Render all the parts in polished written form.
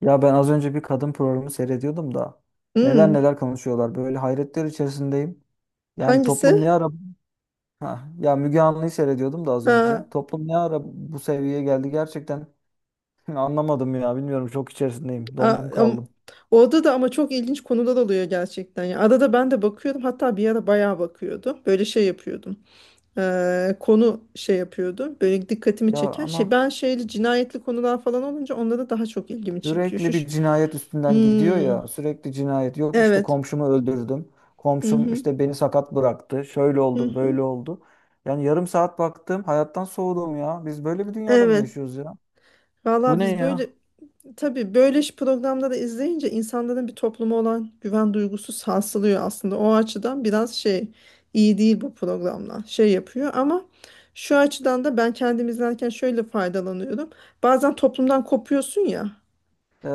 Ya ben az önce bir kadın programı seyrediyordum da neler Hmm, neler konuşuyorlar. Böyle hayretler içerisindeyim. Yani toplum ne hangisi? ara ha, ya Müge Anlı'yı seyrediyordum da az önce. Ha, Toplum ne ara bu seviyeye geldi gerçekten anlamadım ya. Bilmiyorum çok içerisindeyim. a- Dondum am- kaldım. orada da ama çok ilginç konular oluyor gerçekten. Ya adada ben de bakıyordum. Hatta bir ara bayağı bakıyordum. Böyle şey yapıyordum. Konu şey yapıyordu. Böyle dikkatimi Ya çeken şey. ama Ben şeyli cinayetli konular falan olunca onlara daha çok ilgimi çekiyor. Sürekli bir cinayet üstünden gidiyor Hmm, ya. Sürekli cinayet. Yok işte evet. komşumu öldürdüm. Hı Komşum hı, işte beni sakat bıraktı. Şöyle hı oldu, hı. böyle oldu. Yani yarım saat baktım hayattan soğudum ya. Biz böyle bir dünyada mı Evet. yaşıyoruz ya? Bu Valla ne biz ya? böyle. Tabii böyle iş programda da izleyince insanların bir topluma olan güven duygusu sarsılıyor aslında. O açıdan biraz şey, iyi değil bu programlar. Şey yapıyor ama şu açıdan da ben kendim izlerken şöyle faydalanıyorum. Bazen toplumdan kopuyorsun ya.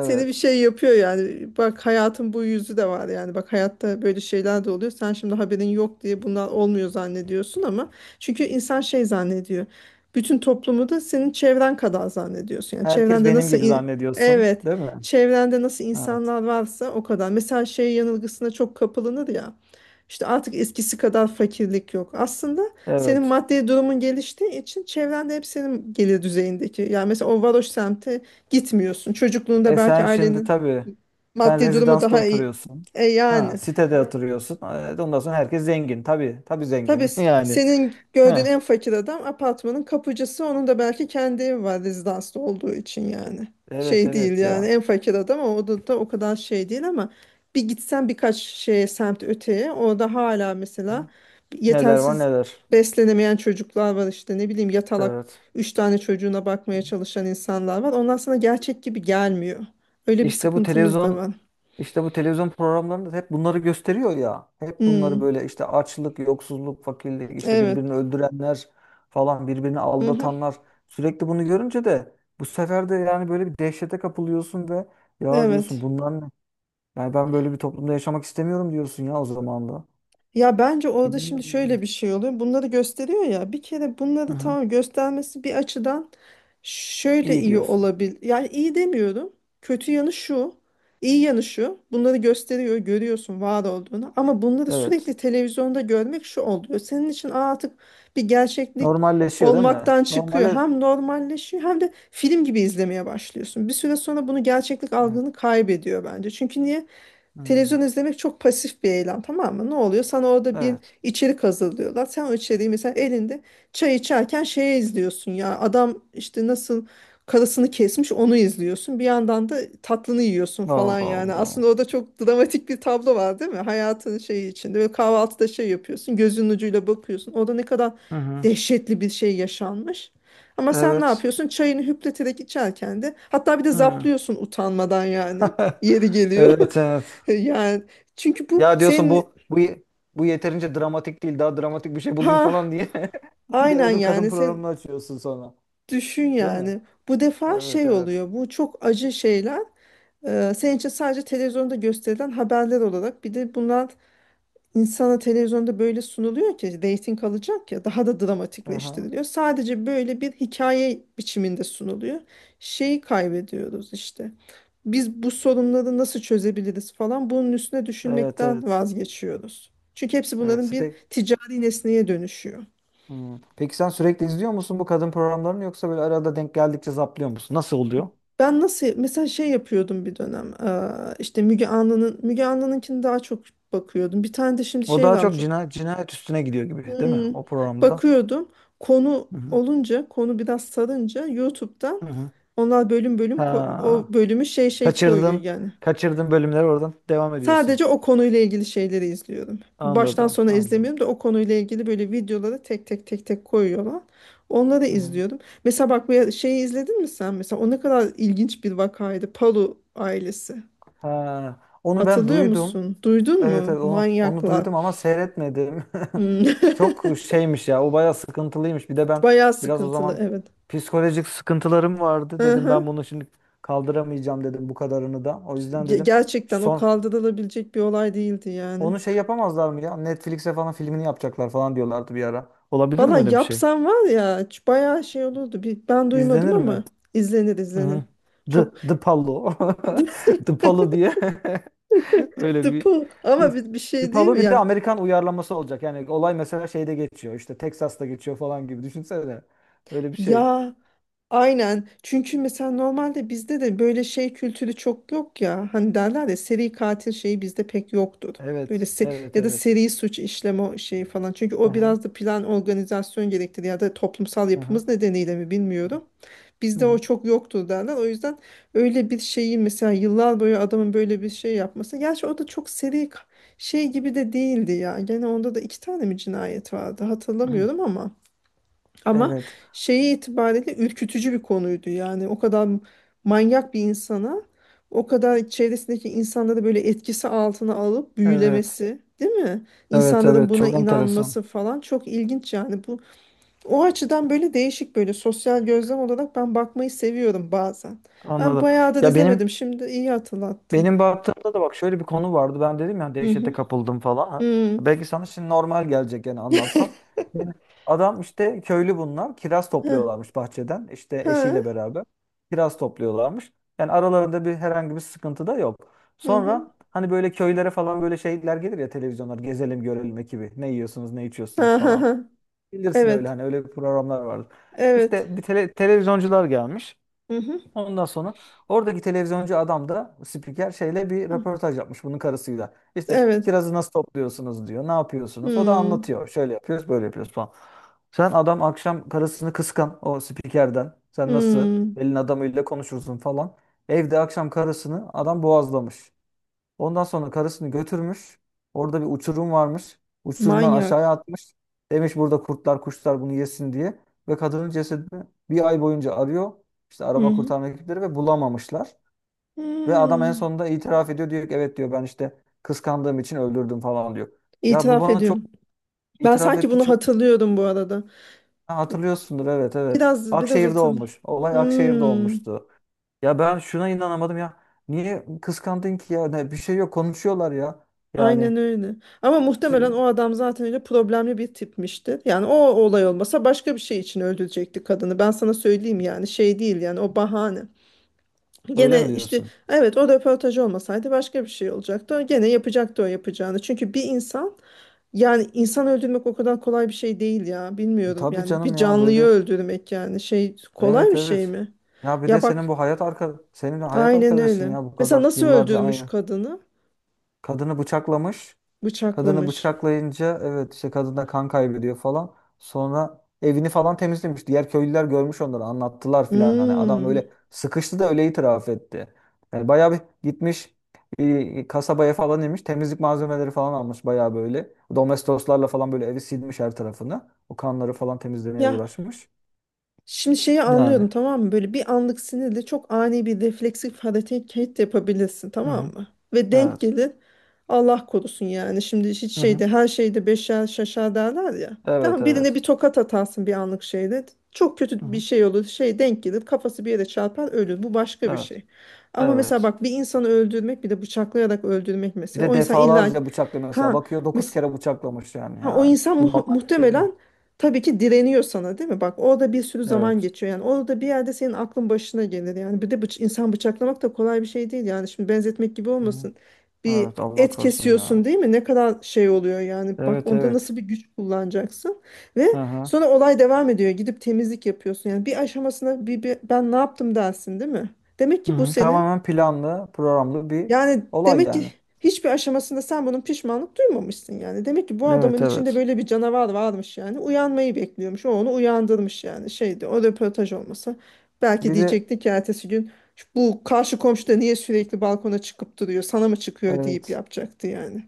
Seni bir şey yapıyor yani. Bak hayatın bu yüzü de var yani. Bak hayatta böyle şeyler de oluyor. Sen şimdi haberin yok diye bunlar olmuyor zannediyorsun ama çünkü insan şey zannediyor. Bütün toplumu da senin çevren kadar zannediyorsun. Yani Herkes çevrende benim nasıl, gibi zannediyorsun, evet, değil mi? çevrende nasıl Evet. insanlar varsa o kadar. Mesela şey yanılgısına çok kapılınır ya. İşte artık eskisi kadar fakirlik yok. Aslında senin Evet. maddi durumun geliştiği için çevrende hep senin gelir düzeyindeki. Yani mesela o varoş semti gitmiyorsun. Çocukluğunda E belki sen şimdi ailenin tabii sen maddi durumu rezidansta daha iyi. oturuyorsun. E Ha, yani. sitede oturuyorsun. Evet, ondan sonra herkes zengin. Tabii, tabii Tabii zengin yani. senin gördüğün Ha. en fakir adam apartmanın kapıcısı. Onun da belki kendi evi var rezidanslı olduğu için yani. Evet, Şey değil evet yani ya. en fakir adam ama o da o kadar şey değil ama bir gitsen birkaç şeye semt öteye orada hala mesela Neler var yetersiz neler. beslenemeyen çocuklar var işte ne bileyim yatalak Evet. üç tane çocuğuna bakmaya çalışan insanlar var. Onlar sana gerçek gibi gelmiyor. Öyle bir İşte bu sıkıntımız da televizyon var. İşte bu televizyon programlarında da hep bunları gösteriyor ya. Hep bunları Hmm, böyle işte açlık, yoksulluk, fakirlik, işte evet. birbirini öldürenler falan, birbirini Mhm, aldatanlar. Sürekli bunu görünce de bu sefer de yani böyle bir dehşete kapılıyorsun ve ya diyorsun evet. bunlar ne? Yani ben böyle bir toplumda yaşamak istemiyorum diyorsun ya o zaman da. Ya bence orada şimdi Bilmiyorum. şöyle bir şey oluyor. Bunları gösteriyor ya. Bir kere bunları Aha. tamam göstermesi bir açıdan şöyle İyi iyi diyorsun. olabilir. Yani iyi demiyorum. Kötü yanı şu. İyi yanı şu. Bunları gösteriyor, görüyorsun var olduğunu. Ama bunları Evet. sürekli televizyonda görmek şu oluyor. Senin için "Aa, artık bir gerçeklik Normalleşiyor değil mi? olmaktan çıkıyor." Normale... Hem normalleşiyor hem de film gibi izlemeye başlıyorsun. Bir süre sonra bunu gerçeklik Evet. algını kaybediyor bence. Çünkü niye? Hı. Televizyon izlemek çok pasif bir eylem, tamam mı? Ne oluyor? Sana orada bir Evet. içerik hazırlıyorlar. Sen o içeriği mesela elinde çay içerken şeye izliyorsun ya. Adam işte nasıl karısını kesmiş onu izliyorsun. Bir yandan da tatlını yiyorsun Allah falan yani. Allah. Aslında orada çok dramatik bir tablo var, değil mi? Hayatın şeyi içinde. Böyle kahvaltıda şey yapıyorsun. Gözünün ucuyla bakıyorsun. Orada ne kadar Hı hı. dehşetli bir şey yaşanmış. Ama sen ne Evet. yapıyorsun? Çayını hüpleterek içerken de hatta bir de Hı. zaplıyorsun utanmadan yani. Yeri geliyor. Evet evet. Yani çünkü bu Ya diyorsun senin bu yeterince dramatik değil. Daha dramatik bir şey bulayım ha falan diye. Bir de aynen öbür kadın yani sen programını açıyorsun sonra. düşün Değil mi? yani bu defa Evet şey evet. oluyor bu çok acı şeyler. Senin için sadece televizyonda gösterilen haberler olarak bir de bunlar. İnsana televizyonda böyle sunuluyor ki reyting alacak ya, daha da Aha. dramatikleştiriliyor. Sadece böyle bir hikaye biçiminde sunuluyor. Şeyi kaybediyoruz işte. Biz bu sorunları nasıl çözebiliriz falan bunun üstüne Evet düşünmekten evet. vazgeçiyoruz. Çünkü hepsi Evet. bunların bir Spe- ticari nesneye dönüşüyor. hmm. Peki sen sürekli izliyor musun bu kadın programlarını yoksa böyle arada denk geldikçe zaplıyor musun? Nasıl oluyor? Ben nasıl mesela şey yapıyordum bir dönem işte Müge Anlı'nın Müge Anlı'nınkini daha çok bakıyordum. Bir tane de şimdi O şey daha çok varmış. Cinayet üstüne gidiyor gibi, değil mi? Hmm, O programda. bakıyordum. Konu Hı hı. olunca, konu biraz sarınca YouTube'dan Hı hı. onlar bölüm bölüm o Ha. bölümü şey şey koyuyor Kaçırdın. yani. Kaçırdın bölümleri oradan devam ediyorsun. Sadece o konuyla ilgili şeyleri izliyorum. Baştan Anladım. sona Anladım. izlemiyorum da o konuyla ilgili böyle videoları tek tek tek tek koyuyorlar. Onları Hı hı. izliyorum. Mesela bak bir şeyi izledin mi sen? Mesela o ne kadar ilginç bir vakaydı. Palu ailesi. Ha. Onu ben Hatırlıyor duydum. musun? Duydun Evet mu? evet onu Manyaklar. duydum ama seyretmedim. Hmm. Çok şeymiş ya. O bayağı sıkıntılıymış. Bir de ben Bayağı biraz o sıkıntılı, zaman evet. psikolojik sıkıntılarım vardı. Hı Dedim hı. ben bunu şimdi kaldıramayacağım dedim bu kadarını da. O yüzden dedim Gerçekten o son kaldırılabilecek bir olay değildi yani. onu şey yapamazlar mı ya? Netflix'e falan filmini yapacaklar falan diyorlardı bir ara. Olabilir Valla mi öyle bir şey? yapsam var ya, bayağı şey olurdu. Bir, ben duymadım İzlenir mi? ama izlenir Hı izlenir. hı. The, Çok the Palo. The Palo diye. Öyle dıpı bir ama bir Bir şey değil Palo mi? bir de Amerikan uyarlaması olacak. Yani olay mesela şeyde geçiyor. İşte Texas'ta geçiyor falan gibi. Düşünsene. Öyle bir şey. Ya aynen. Çünkü mesela normalde bizde de böyle şey kültürü çok yok ya. Hani derler ya seri katil şeyi bizde pek yoktur. Böyle Evet. Evet. ya da Evet. seri suç işleme şeyi falan. Çünkü o Aha, biraz da plan organizasyon gerektirir ya da toplumsal aha, yapımız nedeniyle mi bilmiyorum. hı Bizde o hı, çok yoktu derler. O yüzden öyle bir şeyi mesela yıllar boyu adamın böyle bir şey yapması. Gerçi o da çok seri şey gibi de değildi ya. Gene onda da iki tane mi cinayet vardı hı. hatırlamıyorum ama. Ama Evet. şeyi itibariyle ürkütücü bir konuydu. Yani o kadar manyak bir insana o kadar çevresindeki insanları böyle etkisi altına alıp Evet. büyülemesi, değil mi? Evet. İnsanların Evet. buna Çok enteresan. inanması falan çok ilginç yani bu, o açıdan böyle değişik böyle sosyal gözlem olarak ben bakmayı seviyorum bazen. Ben Anladım. bayağıdır Ya izlemedim. benim Şimdi iyi hatırlattın. benim baktığımda da bak şöyle bir konu vardı. Ben dedim ya Hı dehşete hı. kapıldım falan. Ha, Hı. belki sana şimdi normal gelecek yani anlatsam. Yani adam işte köylü bunlar. Kiraz Hı. topluyorlarmış bahçeden. İşte Ha. eşiyle beraber kiraz topluyorlarmış. Yani aralarında bir herhangi bir sıkıntı da yok. Hı hı. Sonra hani böyle köylere falan böyle şeyler gelir ya televizyonlar gezelim görelim ekibi. Ne yiyorsunuz ne içiyorsunuz Ha, ha, falan. ha. Bilirsin öyle Evet. hani öyle programlar vardır. Evet. İşte bir televizyoncular gelmiş. Hı hı. Ondan sonra oradaki televizyoncu adam da spiker şeyle bir Hı. röportaj yapmış bunun karısıyla. İşte Evet. kirazı nasıl topluyorsunuz diyor. Ne yapıyorsunuz? O da Hı. anlatıyor. Şöyle yapıyoruz, böyle yapıyoruz falan. Sen adam akşam karısını kıskan o spikerden. Sen Hı. nasıl elin adamıyla konuşursun falan. Evde akşam karısını adam boğazlamış. Ondan sonra karısını götürmüş. Orada bir uçurum varmış. Uçurumdan Manyak. aşağıya atmış. Demiş burada kurtlar kuşlar bunu yesin diye. Ve kadının cesedini bir ay boyunca arıyor. İşte Hı arama hı. kurtarma ekipleri ve bulamamışlar. Ve adam en Hı. sonunda itiraf ediyor. Diyor ki evet diyor ben işte kıskandığım için öldürdüm falan diyor. Ya bu İtiraf bana çok ediyorum. Ben itiraf sanki etti. bunu Çok hatırlıyorum bu arada. ha, hatırlıyorsundur evet evet. Biraz biraz Akşehir'de olmuş. Olay Akşehir'de hatırlıyorum. olmuştu. Ya ben şuna inanamadım ya. Niye kıskandın ki ya? Ne, bir şey yok konuşuyorlar ya. Aynen Yani öyle. Ama muhtemelen o adam zaten öyle problemli bir tipmişti. Yani o olay olmasa başka bir şey için öldürecekti kadını. Ben sana söyleyeyim yani şey değil yani o bahane. öyle mi Gene işte diyorsun? evet o röportaj olmasaydı başka bir şey olacaktı. O gene yapacaktı o yapacağını. Çünkü bir insan yani insan öldürmek o kadar kolay bir şey değil ya. Bilmiyorum Tabii yani bir canım ya canlıyı böyle öldürmek yani şey kolay evet bir şey evet. mi? Ya bir de Ya senin bak bu hayat arka senin hayat aynen arkadaşın öyle. ya bu Mesela kadar nasıl yıllarca öldürmüş aynı. kadını? Kadını bıçaklamış. Kadını Bıçaklamış. bıçaklayınca evet işte kadın da kan kaybediyor falan. Sonra evini falan temizlemiş. Diğer köylüler görmüş onları anlattılar filan. Hani adam Hmm. öyle sıkıştı da öyle itiraf etti. Yani bayağı bir gitmiş kasabaya falan inmiş. Temizlik malzemeleri falan almış bayağı böyle. Domestoslarla falan böyle evi silmiş her tarafını. O kanları falan temizlemeye Ya uğraşmış. şimdi şeyi Yani. anlıyorum, tamam mı? Böyle bir anlık sinirle çok ani bir refleksif hareket yapabilirsin, Hı tamam hı. mı? Ve denk Evet. gelir, Allah korusun yani. Şimdi hiç Hı hı. şeyde her şeyde beşer şaşar derler ya. Evet, Tamam, birine evet. bir tokat atarsın bir anlık şeyle. Çok Hı kötü bir hı. şey olur. Şey denk gelir, kafası bir yere çarpar, ölür. Bu başka bir Evet. şey. Ama mesela Evet. bak bir insanı öldürmek, bir de bıçaklayarak öldürmek Bir mesela. de O insan illa defalarca bıçaklıyor mesela. ha Bakıyor 9 mes kere bıçaklamış yani Ha, o yani. insan Bu normal bir şey muhtemelen değil. tabii ki direniyor sana, değil mi? Bak orada bir sürü zaman Evet. geçiyor. Yani orada bir yerde senin aklın başına gelir. Yani bir de insan bıçaklamak da kolay bir şey değil. Yani şimdi benzetmek gibi Hı hı. olmasın. Bir Evet Allah et korusun kesiyorsun, ya. değil mi? Ne kadar şey oluyor yani. Bak Evet onda evet. nasıl bir güç kullanacaksın. Ve Hı hı. sonra olay devam ediyor. Gidip temizlik yapıyorsun. Yani bir aşamasına bir ben ne yaptım dersin, değil mi? Demek Hı ki bu hı. senin Tamamen planlı, programlı bir yani olay demek ki yani. hiçbir aşamasında sen bunun pişmanlık duymamışsın yani. Demek ki bu adamın Evet içinde evet. böyle bir canavar varmış yani. Uyanmayı bekliyormuş. O onu uyandırmış yani. Şeydi o röportaj olmasa. Belki Bir de diyecekti ki ertesi gün, "Şu bu karşı komşu da niye sürekli balkona çıkıp duruyor? Sana mı çıkıyor?" deyip evet. yapacaktı yani.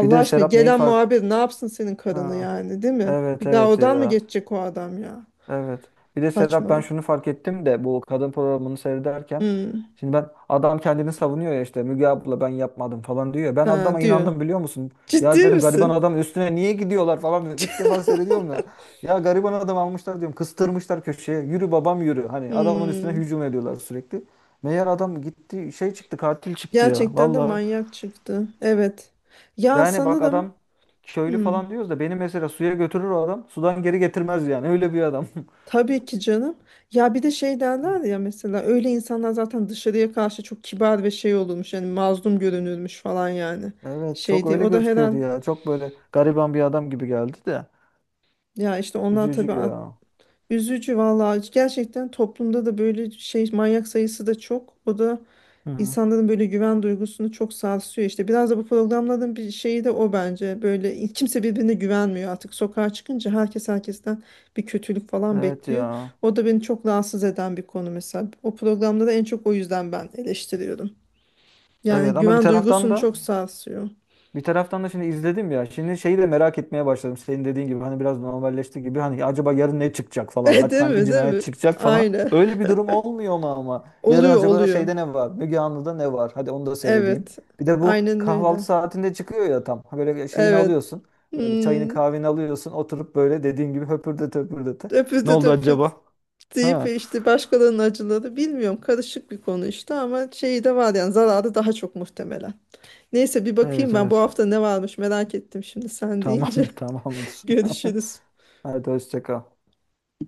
Bir de aşkına Serap neyi gelen fark... muhabir ne yapsın senin karını Ha. yani, değil mi? Evet Bir daha evet odan mı ya. geçecek o adam ya? Evet. Bir de Serap ben Saçmalık. şunu fark ettim de bu kadın programını seyrederken Hmm. şimdi ben adam kendini savunuyor ya işte Müge abla ben yapmadım falan diyor. Ya. Ben Ha, adama diyor. inandım biliyor musun? Ciddi Ya dedim gariban misin? adam üstüne niye gidiyorlar falan ilk defa seyrediyorum ya. Ya gariban adam almışlar diyorum kıstırmışlar köşeye yürü babam yürü. Hani adamın üstüne Hmm. hücum ediyorlar sürekli. Meğer adam gitti şey çıktı katil çıktı ya Gerçekten de vallahi. manyak çıktı. Evet. Ya Yani bak sanırım adam köylü hmm, falan diyoruz da beni mesela suya götürür o adam sudan geri getirmez yani öyle bir adam. tabii ki canım. Ya bir de şey derler ya mesela, öyle insanlar zaten dışarıya karşı çok kibar ve şey olurmuş. Yani mazlum görünürmüş falan yani. Evet çok Şeydi. öyle O da gözüküyordu ya. Çok böyle gariban bir adam gibi geldi de. ya işte onlar tabii. Üzücü ya. Üzücü vallahi, gerçekten toplumda da böyle şey manyak sayısı da çok. O da Hı hı. insanların böyle güven duygusunu çok sarsıyor işte. Biraz da bu programların bir şeyi de o bence. Böyle kimse birbirine güvenmiyor artık. Sokağa çıkınca herkes herkesten bir kötülük falan Evet bekliyor. ya. O da beni çok rahatsız eden bir konu mesela. O programda da en çok o yüzden ben eleştiriyorum. Yani Evet ama bir güven taraftan duygusunu çok da sarsıyor. bir taraftan da şimdi izledim ya. Şimdi şeyi de merak etmeye başladım. Senin dediğin gibi hani biraz normalleşti gibi. Hani acaba yarın ne çıkacak falan. Hadi Değil hangi mi? Değil cinayet mi? çıkacak falan. Aynen. Öyle bir durum olmuyor mu ama? Yarın Oluyor acaba oluyor. şeyde ne var? Müge Anlı'da ne var? Hadi onu da seyredeyim. Evet. Bir de bu Aynen kahvaltı öyle. saatinde çıkıyor ya tam. Ha böyle şeyini Evet. alıyorsun. Böyle çayını Hmm. kahveni alıyorsun. Oturup böyle dediğin gibi höpürdete höpürdete. Ne Öpüldü oldu öpüldü acaba? deyip Ha. işte başkalarının acıları bilmiyorum, karışık bir konu işte ama şeyi de var yani, zararı daha çok muhtemelen. Neyse bir bakayım Evet ben bu evet. hafta ne varmış, merak ettim şimdi sen Tamam deyince. tamamdır. Görüşürüz. Hadi hoşça kal.